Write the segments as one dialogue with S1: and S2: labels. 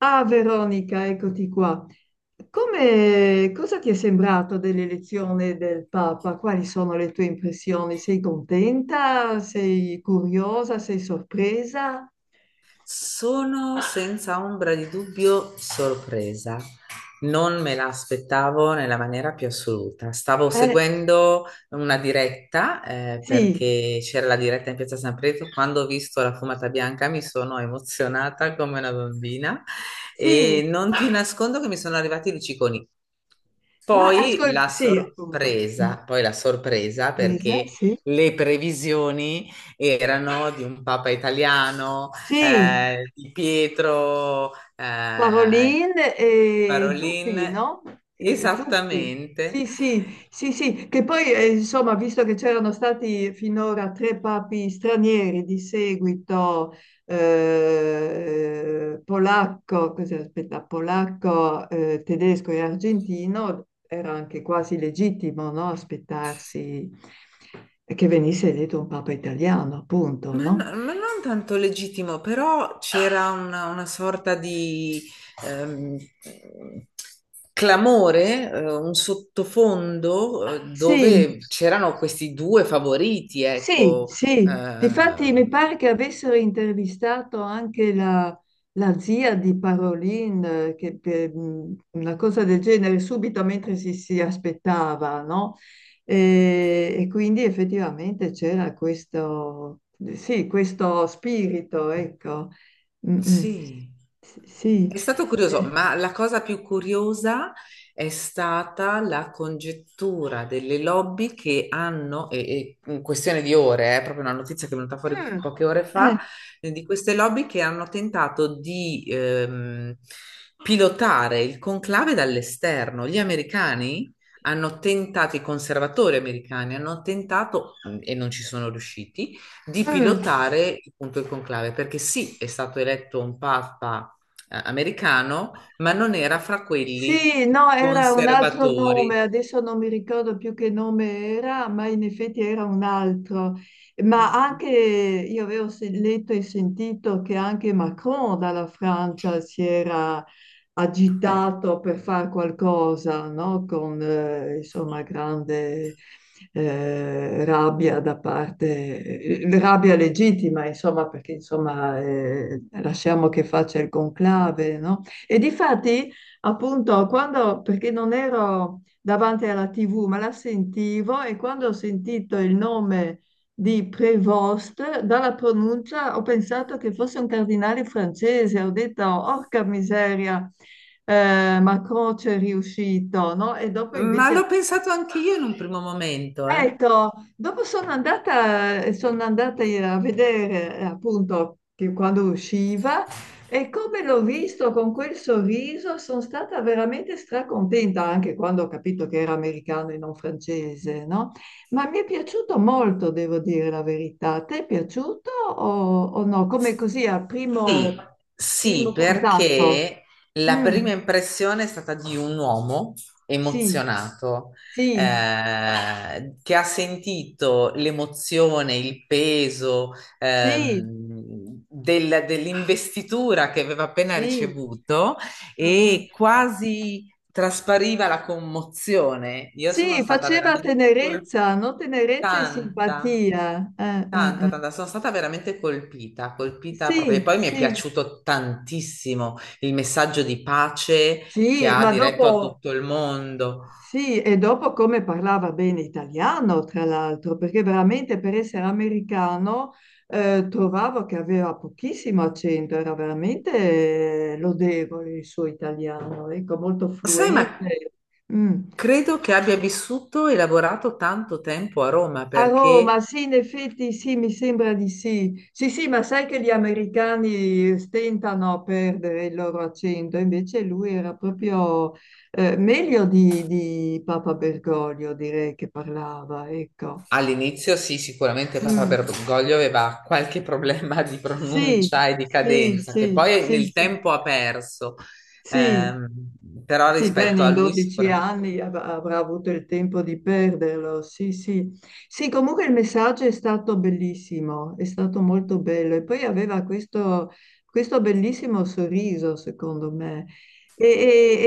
S1: Ah, Veronica, eccoti qua. Come, cosa ti è sembrato dell'elezione del Papa? Quali sono le tue impressioni? Sei contenta? Sei curiosa? Sei sorpresa?
S2: Sono senza ombra di dubbio sorpresa. Non me la aspettavo nella maniera più assoluta. Stavo
S1: Eh,
S2: seguendo una diretta,
S1: sì,
S2: perché c'era la diretta in Piazza San Pietro. Quando ho visto la fumata bianca mi sono emozionata come una bambina
S1: sì,
S2: e non ti nascondo che mi sono arrivati i luciconi.
S1: ma
S2: Poi
S1: ascolta,
S2: la
S1: sì, appunto.
S2: sorpresa, poi la sorpresa
S1: Sorpresa,
S2: perché
S1: sì.
S2: le previsioni erano di un papa italiano,
S1: Sì,
S2: di Pietro,
S1: Paroline e Zuppi,
S2: Parolin,
S1: no? Zuppi.
S2: esattamente.
S1: Sì, sì, sì, sì, che poi insomma, visto che c'erano stati finora tre papi stranieri di seguito, polacco, cos'è, aspetta, polacco, tedesco e argentino, era anche quasi legittimo, no? Aspettarsi che venisse eletto un papa italiano, appunto,
S2: Ma, no-
S1: no?
S2: ma non tanto legittimo, però c'era una sorta di ehm, clamore, un sottofondo
S1: Sì,
S2: dove c'erano questi due favoriti, ecco.
S1: Sì, difatti mi
S2: Eh,
S1: pare che avessero intervistato anche la, zia di Parolin, una cosa del genere, subito mentre si aspettava, no? E quindi effettivamente c'era questo, sì, questo spirito, ecco. Mm, mm.
S2: sì.
S1: Sì.
S2: È stato curioso,
S1: Eh,
S2: ma la cosa più curiosa è stata la congettura delle lobby che hanno, e in questione di ore, è proprio una notizia che è venuta fuori
S1: Mm,
S2: poche ore fa,
S1: eh,
S2: di queste lobby che hanno tentato di pilotare il conclave dall'esterno. Gli americani hanno tentato, i conservatori americani hanno tentato, e non ci sono riusciti, di
S1: mm.
S2: pilotare appunto il conclave, perché sì, è stato eletto un papa americano, ma non era fra quelli
S1: Sì, no, era un altro nome,
S2: conservatori.
S1: adesso non mi ricordo più che nome era, ma in effetti era un altro. Ma
S2: Mm.
S1: anche io avevo letto e sentito che anche Macron dalla Francia agitato per fare qualcosa, no? Con insomma grande rabbia da parte, rabbia legittima, insomma, perché insomma lasciamo che faccia il conclave, no? E difatti, appunto, quando, perché non ero davanti alla TV, ma la sentivo e quando ho sentito il nome di Prévost, dalla pronuncia ho pensato che fosse un cardinale francese, ho detto, orca miseria, Macron c'è riuscito, no? E dopo
S2: Ma l'ho
S1: invece
S2: pensato anche io in un primo momento, eh.
S1: ecco, dopo sono andata, a vedere appunto che quando usciva e come l'ho visto con quel sorriso sono stata veramente stracontenta anche quando ho capito che era americano e non francese, no? Ma mi è piaciuto molto, devo dire la verità. Ti è piaciuto o no? Come così a
S2: Sì, sì,
S1: primo contatto?
S2: perché la
S1: Mm,
S2: prima impressione è stata di un uomo
S1: sì,
S2: emozionato,
S1: sì,
S2: che ha sentito l'emozione, il peso,
S1: sì,
S2: dell'investitura che aveva appena
S1: sì.
S2: ricevuto
S1: Mm, mm.
S2: e quasi traspariva la commozione. Io sono
S1: Sì,
S2: stata
S1: faceva
S2: veramente
S1: tenerezza, no? Tenerezza e
S2: colpita.
S1: simpatia.
S2: Tanta,
S1: Eh.
S2: tanta, sono stata veramente colpita, colpita proprio. E
S1: Sì,
S2: poi mi è
S1: sì,
S2: piaciuto tantissimo il messaggio di pace che
S1: sì,
S2: ha
S1: ma
S2: diretto a
S1: dopo,
S2: tutto il mondo.
S1: sì, e dopo come parlava bene italiano, tra l'altro, perché veramente per essere americano trovavo che aveva pochissimo accento, era veramente lodevole il suo italiano, ecco, molto
S2: Sai, ma
S1: fluente. Mm.
S2: credo che abbia vissuto e lavorato tanto tempo a Roma
S1: A
S2: perché
S1: Roma, sì, in effetti sì, mi sembra di sì. Sì, sì, ma sai che gli americani stentano a perdere il loro accento, invece lui era proprio meglio di Papa Bergoglio, direi che parlava, ecco.
S2: all'inizio sì, sicuramente Papa
S1: Mm,
S2: Bergoglio aveva qualche problema di
S1: sì,
S2: pronuncia e di
S1: sì,
S2: cadenza che
S1: sì,
S2: poi
S1: sì,
S2: nel
S1: sì,
S2: tempo ha perso,
S1: sì,
S2: Ehm, però
S1: sì, bene,
S2: rispetto a
S1: in
S2: lui
S1: 12
S2: sicuramente
S1: anni avrà avuto il tempo di perderlo, sì, sì. Sì, comunque il messaggio è stato bellissimo, è stato molto bello e poi aveva questo bellissimo sorriso, secondo me. E,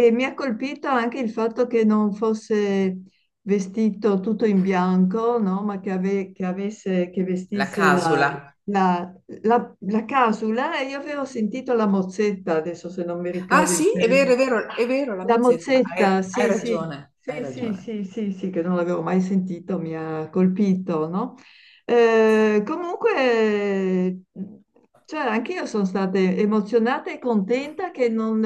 S1: e mi ha colpito anche il fatto che non fosse vestito tutto in bianco, no? Ma che, che avesse, che
S2: la
S1: vestisse
S2: Casula.
S1: la, la casula e io avevo sentito la mozzetta, adesso se non mi
S2: Ah
S1: ricordo il
S2: sì, è vero, è
S1: termine,
S2: vero, è vero, la
S1: la
S2: mozzetta. Hai,
S1: mozzetta,
S2: hai
S1: sì, sì,
S2: ragione, hai
S1: sì, sì,
S2: ragione.
S1: sì, sì, sì, che non l'avevo mai sentito, mi ha colpito, no? Comunque, cioè, anche io sono stata emozionata e contenta che non,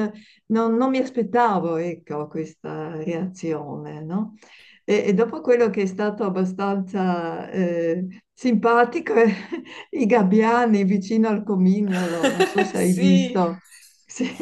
S1: non- non mi aspettavo, ecco, questa reazione, no? E dopo quello che è stato abbastanza simpatico, i gabbiani vicino al comignolo, non so se hai
S2: Sì,
S1: visto, sì.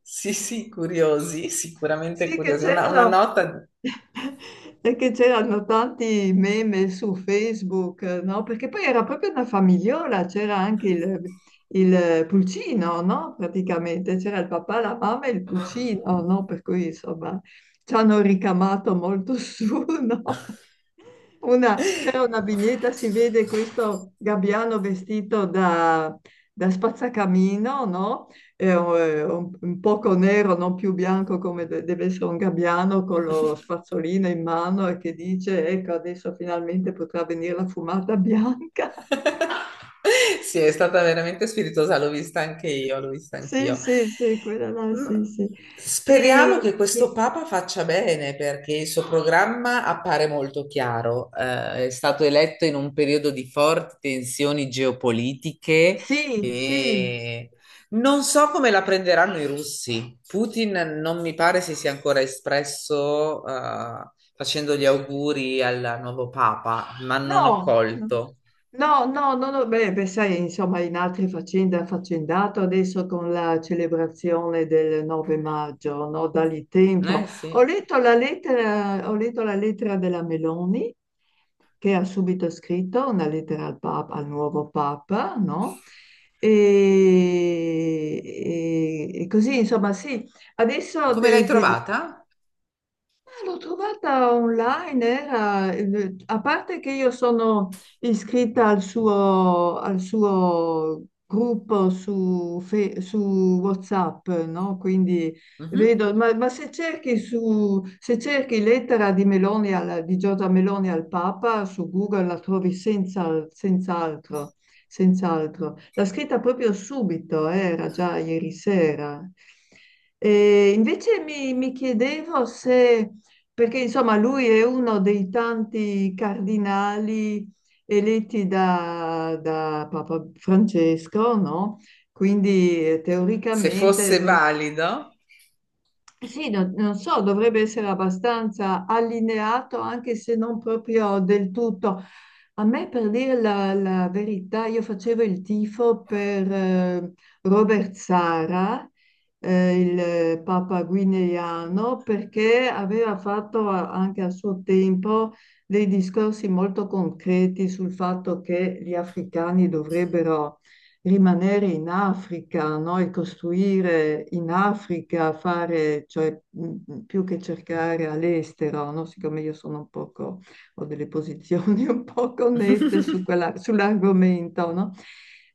S2: sì, sì, curiosi, sicuramente
S1: Sì, che
S2: curiosi. Una
S1: c'erano.
S2: nota.
S1: Perché c'erano tanti meme su Facebook, no? Perché poi era proprio una famigliola, c'era anche il pulcino, no? Praticamente c'era il papà, la mamma e il pulcino, no? Per cui insomma ci hanno ricamato molto su, no? C'è una vignetta, si vede questo gabbiano vestito da spazzacamino, no? È un poco nero, non più bianco come deve essere un gabbiano, con lo spazzolino in mano e che dice, ecco, adesso finalmente potrà venire la fumata bianca.
S2: Sì, è stata veramente spiritosa, l'ho vista anche io, l'ho vista
S1: Sì,
S2: anch'io.
S1: sì, sì, quella là,
S2: Mm,
S1: sì, sì.
S2: Speriamo che questo
S1: Sì,
S2: Papa faccia bene perché il suo programma appare molto chiaro. È stato eletto in un periodo di forti tensioni geopolitiche
S1: sì, sì.
S2: e non so come la prenderanno i russi. Putin non mi pare si sia ancora espresso, facendo gli auguri al nuovo Papa, ma non ho
S1: No, no.
S2: colto.
S1: No, no, no, no, beh, beh, sai, insomma, in altre faccende ha affaccendato adesso con la celebrazione del 9 maggio, no? Dagli tempo.
S2: Eh sì.
S1: Ho letto la lettera della Meloni che ha subito scritto, una lettera al Papa, al nuovo Papa, no? E così, insomma, sì, adesso
S2: Come l'hai trovata?
S1: l'ho trovata online, a parte che io sono iscritta al suo gruppo su, su WhatsApp, no? Quindi
S2: Mhm.
S1: vedo, ma, se cerchi lettera di Meloni di Giorgia Meloni al Papa su Google la trovi senza, senz'altro, senz'altro. L'ha scritta proprio subito, era già ieri sera. E invece mi chiedevo se perché insomma lui è uno dei tanti cardinali eletti da Papa Francesco, no? Quindi
S2: Se
S1: teoricamente
S2: fosse valido.
S1: sì, non so, dovrebbe essere abbastanza allineato, anche se non proprio del tutto. A me, per dire la verità, io facevo il tifo per Robert Sara, il Papa guineano, perché aveva fatto anche a suo tempo dei discorsi molto concreti sul fatto che gli africani dovrebbero rimanere in Africa, no? E costruire in Africa, fare, cioè più che cercare all'estero, no? Siccome io sono un poco, ho delle posizioni un poco nette su sull'argomento, no?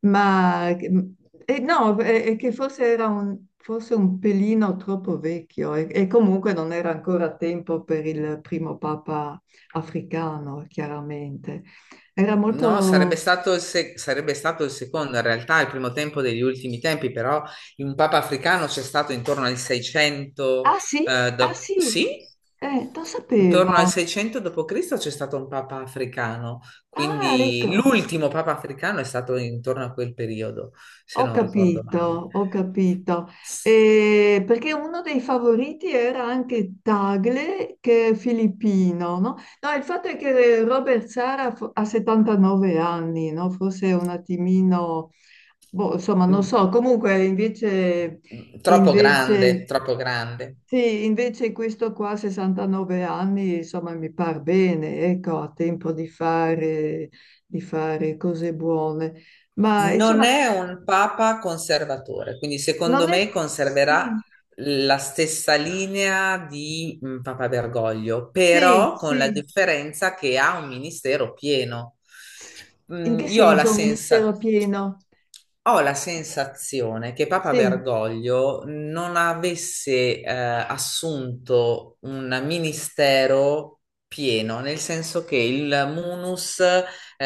S1: Ma no, è che forse era forse un pelino troppo vecchio e comunque non era ancora tempo per il primo papa africano, chiaramente. Era
S2: No,
S1: molto...
S2: sarebbe stato il secondo, in realtà il primo tempo degli ultimi tempi, però in Papa Africano c'è stato intorno al 600,
S1: Ah sì? Ah sì?
S2: sì,
S1: Lo
S2: intorno al
S1: sapevo.
S2: 600 d.C. c'è stato un Papa Africano,
S1: Ah,
S2: quindi
S1: ecco,
S2: l'ultimo Papa Africano è stato intorno a quel periodo, se
S1: ho
S2: non ricordo
S1: capito,
S2: male.
S1: ho capito.
S2: S-
S1: Perché uno dei favoriti era anche Tagle, che è filippino, no? No, il fatto è che Robert Sara ha 79 anni, no? Forse un attimino, boh, insomma, non
S2: mm,
S1: so. Comunque, invece,
S2: Troppo grande,
S1: invece
S2: troppo grande.
S1: sì, invece questo qua, 69 anni, insomma, mi par bene, ecco, ha tempo di fare cose buone. Ma
S2: Non
S1: insomma,
S2: è un papa conservatore, quindi
S1: non
S2: secondo
S1: è...
S2: me conserverà
S1: Sì,
S2: la stessa linea di Papa Bergoglio,
S1: sì,
S2: però con la
S1: sì.
S2: differenza che ha un ministero pieno.
S1: In che
S2: Io ho la
S1: senso un
S2: sensa-
S1: ministero pieno?
S2: ho la sensazione che Papa
S1: Sì.
S2: Bergoglio non avesse assunto un ministero pieno, nel senso che il munus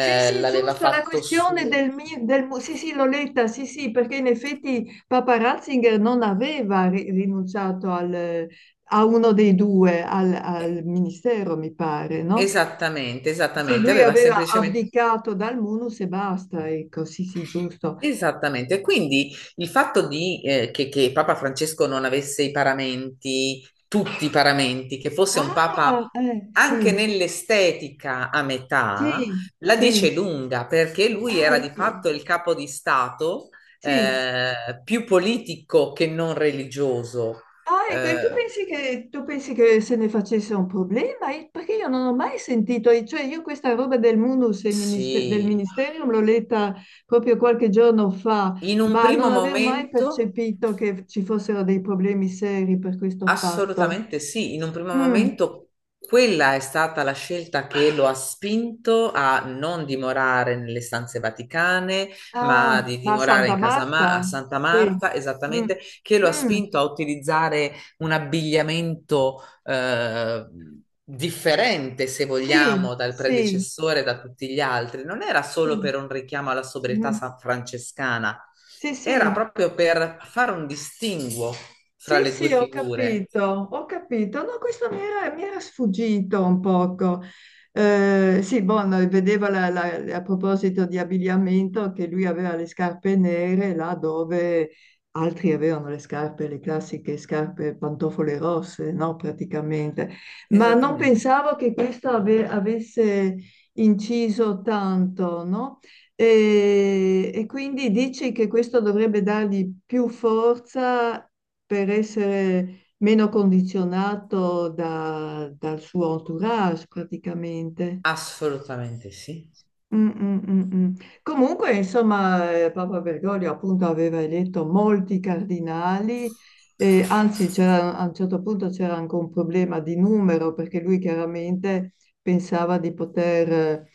S1: Sì, sì,
S2: l'aveva
S1: giusto, la
S2: fatto
S1: questione
S2: su.
S1: del, mi- del mu- sì, sì, l'ho letta, sì, sì, perché in effetti Papa Ratzinger non aveva rinunciato a uno dei due,
S2: eh,
S1: al ministero, mi pare, no?
S2: Esattamente,
S1: Sì,
S2: esattamente,
S1: lui
S2: aveva
S1: aveva
S2: semplicemente...
S1: abdicato dal munus e basta, ecco, sì, sì, giusto.
S2: Esattamente, quindi il fatto di, che Papa Francesco non avesse i paramenti, tutti i paramenti, che fosse un
S1: Ah,
S2: Papa anche
S1: sì,
S2: nell'estetica a metà,
S1: sì,
S2: la
S1: sì,
S2: dice lunga, perché lui
S1: ah,
S2: era di
S1: ecco,
S2: fatto il capo di Stato,
S1: sì.
S2: più politico che non religioso.
S1: Ah, ecco, e tu
S2: Eh,
S1: pensi che, se ne facesse un problema? Perché io non ho mai sentito, e cioè io questa roba del munus e del
S2: sì,
S1: ministerium l'ho letta proprio qualche giorno fa,
S2: in un
S1: ma non
S2: primo
S1: avevo mai
S2: momento...
S1: percepito che ci fossero dei problemi seri per questo fatto.
S2: Assolutamente sì, in un primo
S1: Mm.
S2: momento quella è stata la scelta che lo ha spinto a non dimorare nelle stanze vaticane, ma
S1: Ah,
S2: di
S1: ma
S2: dimorare
S1: Santa
S2: in casa a
S1: Marta?
S2: Santa
S1: Sì.
S2: Marta,
S1: Mm.
S2: esattamente, che lo ha
S1: Mm.
S2: spinto a utilizzare un abbigliamento eh, differente, se
S1: Sì,
S2: vogliamo, dal
S1: sì,
S2: predecessore, da tutti gli altri, non era solo
S1: sì.
S2: per un richiamo alla sobrietà
S1: Mm.
S2: francescana,
S1: Sì,
S2: era
S1: sì.
S2: proprio per fare un distinguo fra
S1: Sì,
S2: le due
S1: sì, ho
S2: figure.
S1: capito, ho capito. No, questo mi era sfuggito un poco. Sì, Bono, vedeva a proposito di abbigliamento che lui aveva le scarpe nere là dove altri avevano le scarpe, le classiche scarpe pantofole rosse, no, praticamente. Ma non
S2: Esattamente,
S1: pensavo che questo avesse inciso tanto, no? E quindi dici che questo dovrebbe dargli più forza per essere meno condizionato dal suo entourage praticamente.
S2: assolutamente sì.
S1: Mm, mm, mm, mm. Comunque, insomma, Papa Bergoglio appunto aveva eletto molti cardinali, anzi a un certo punto c'era anche un problema di numero perché lui chiaramente pensava di poter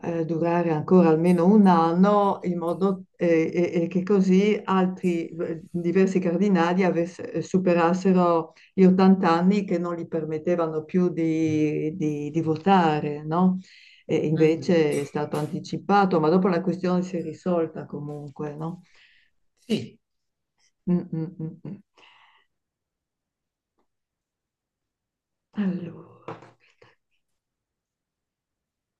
S1: durare ancora almeno un anno in modo e che così altri diversi cardinali superassero gli 80 anni che non gli permettevano più di votare, no? E
S2: Mhm.
S1: invece è stato anticipato, ma dopo la questione si è risolta comunque, no?
S2: Sì.
S1: Mm, mm, mm, mm. Allora, aspetta.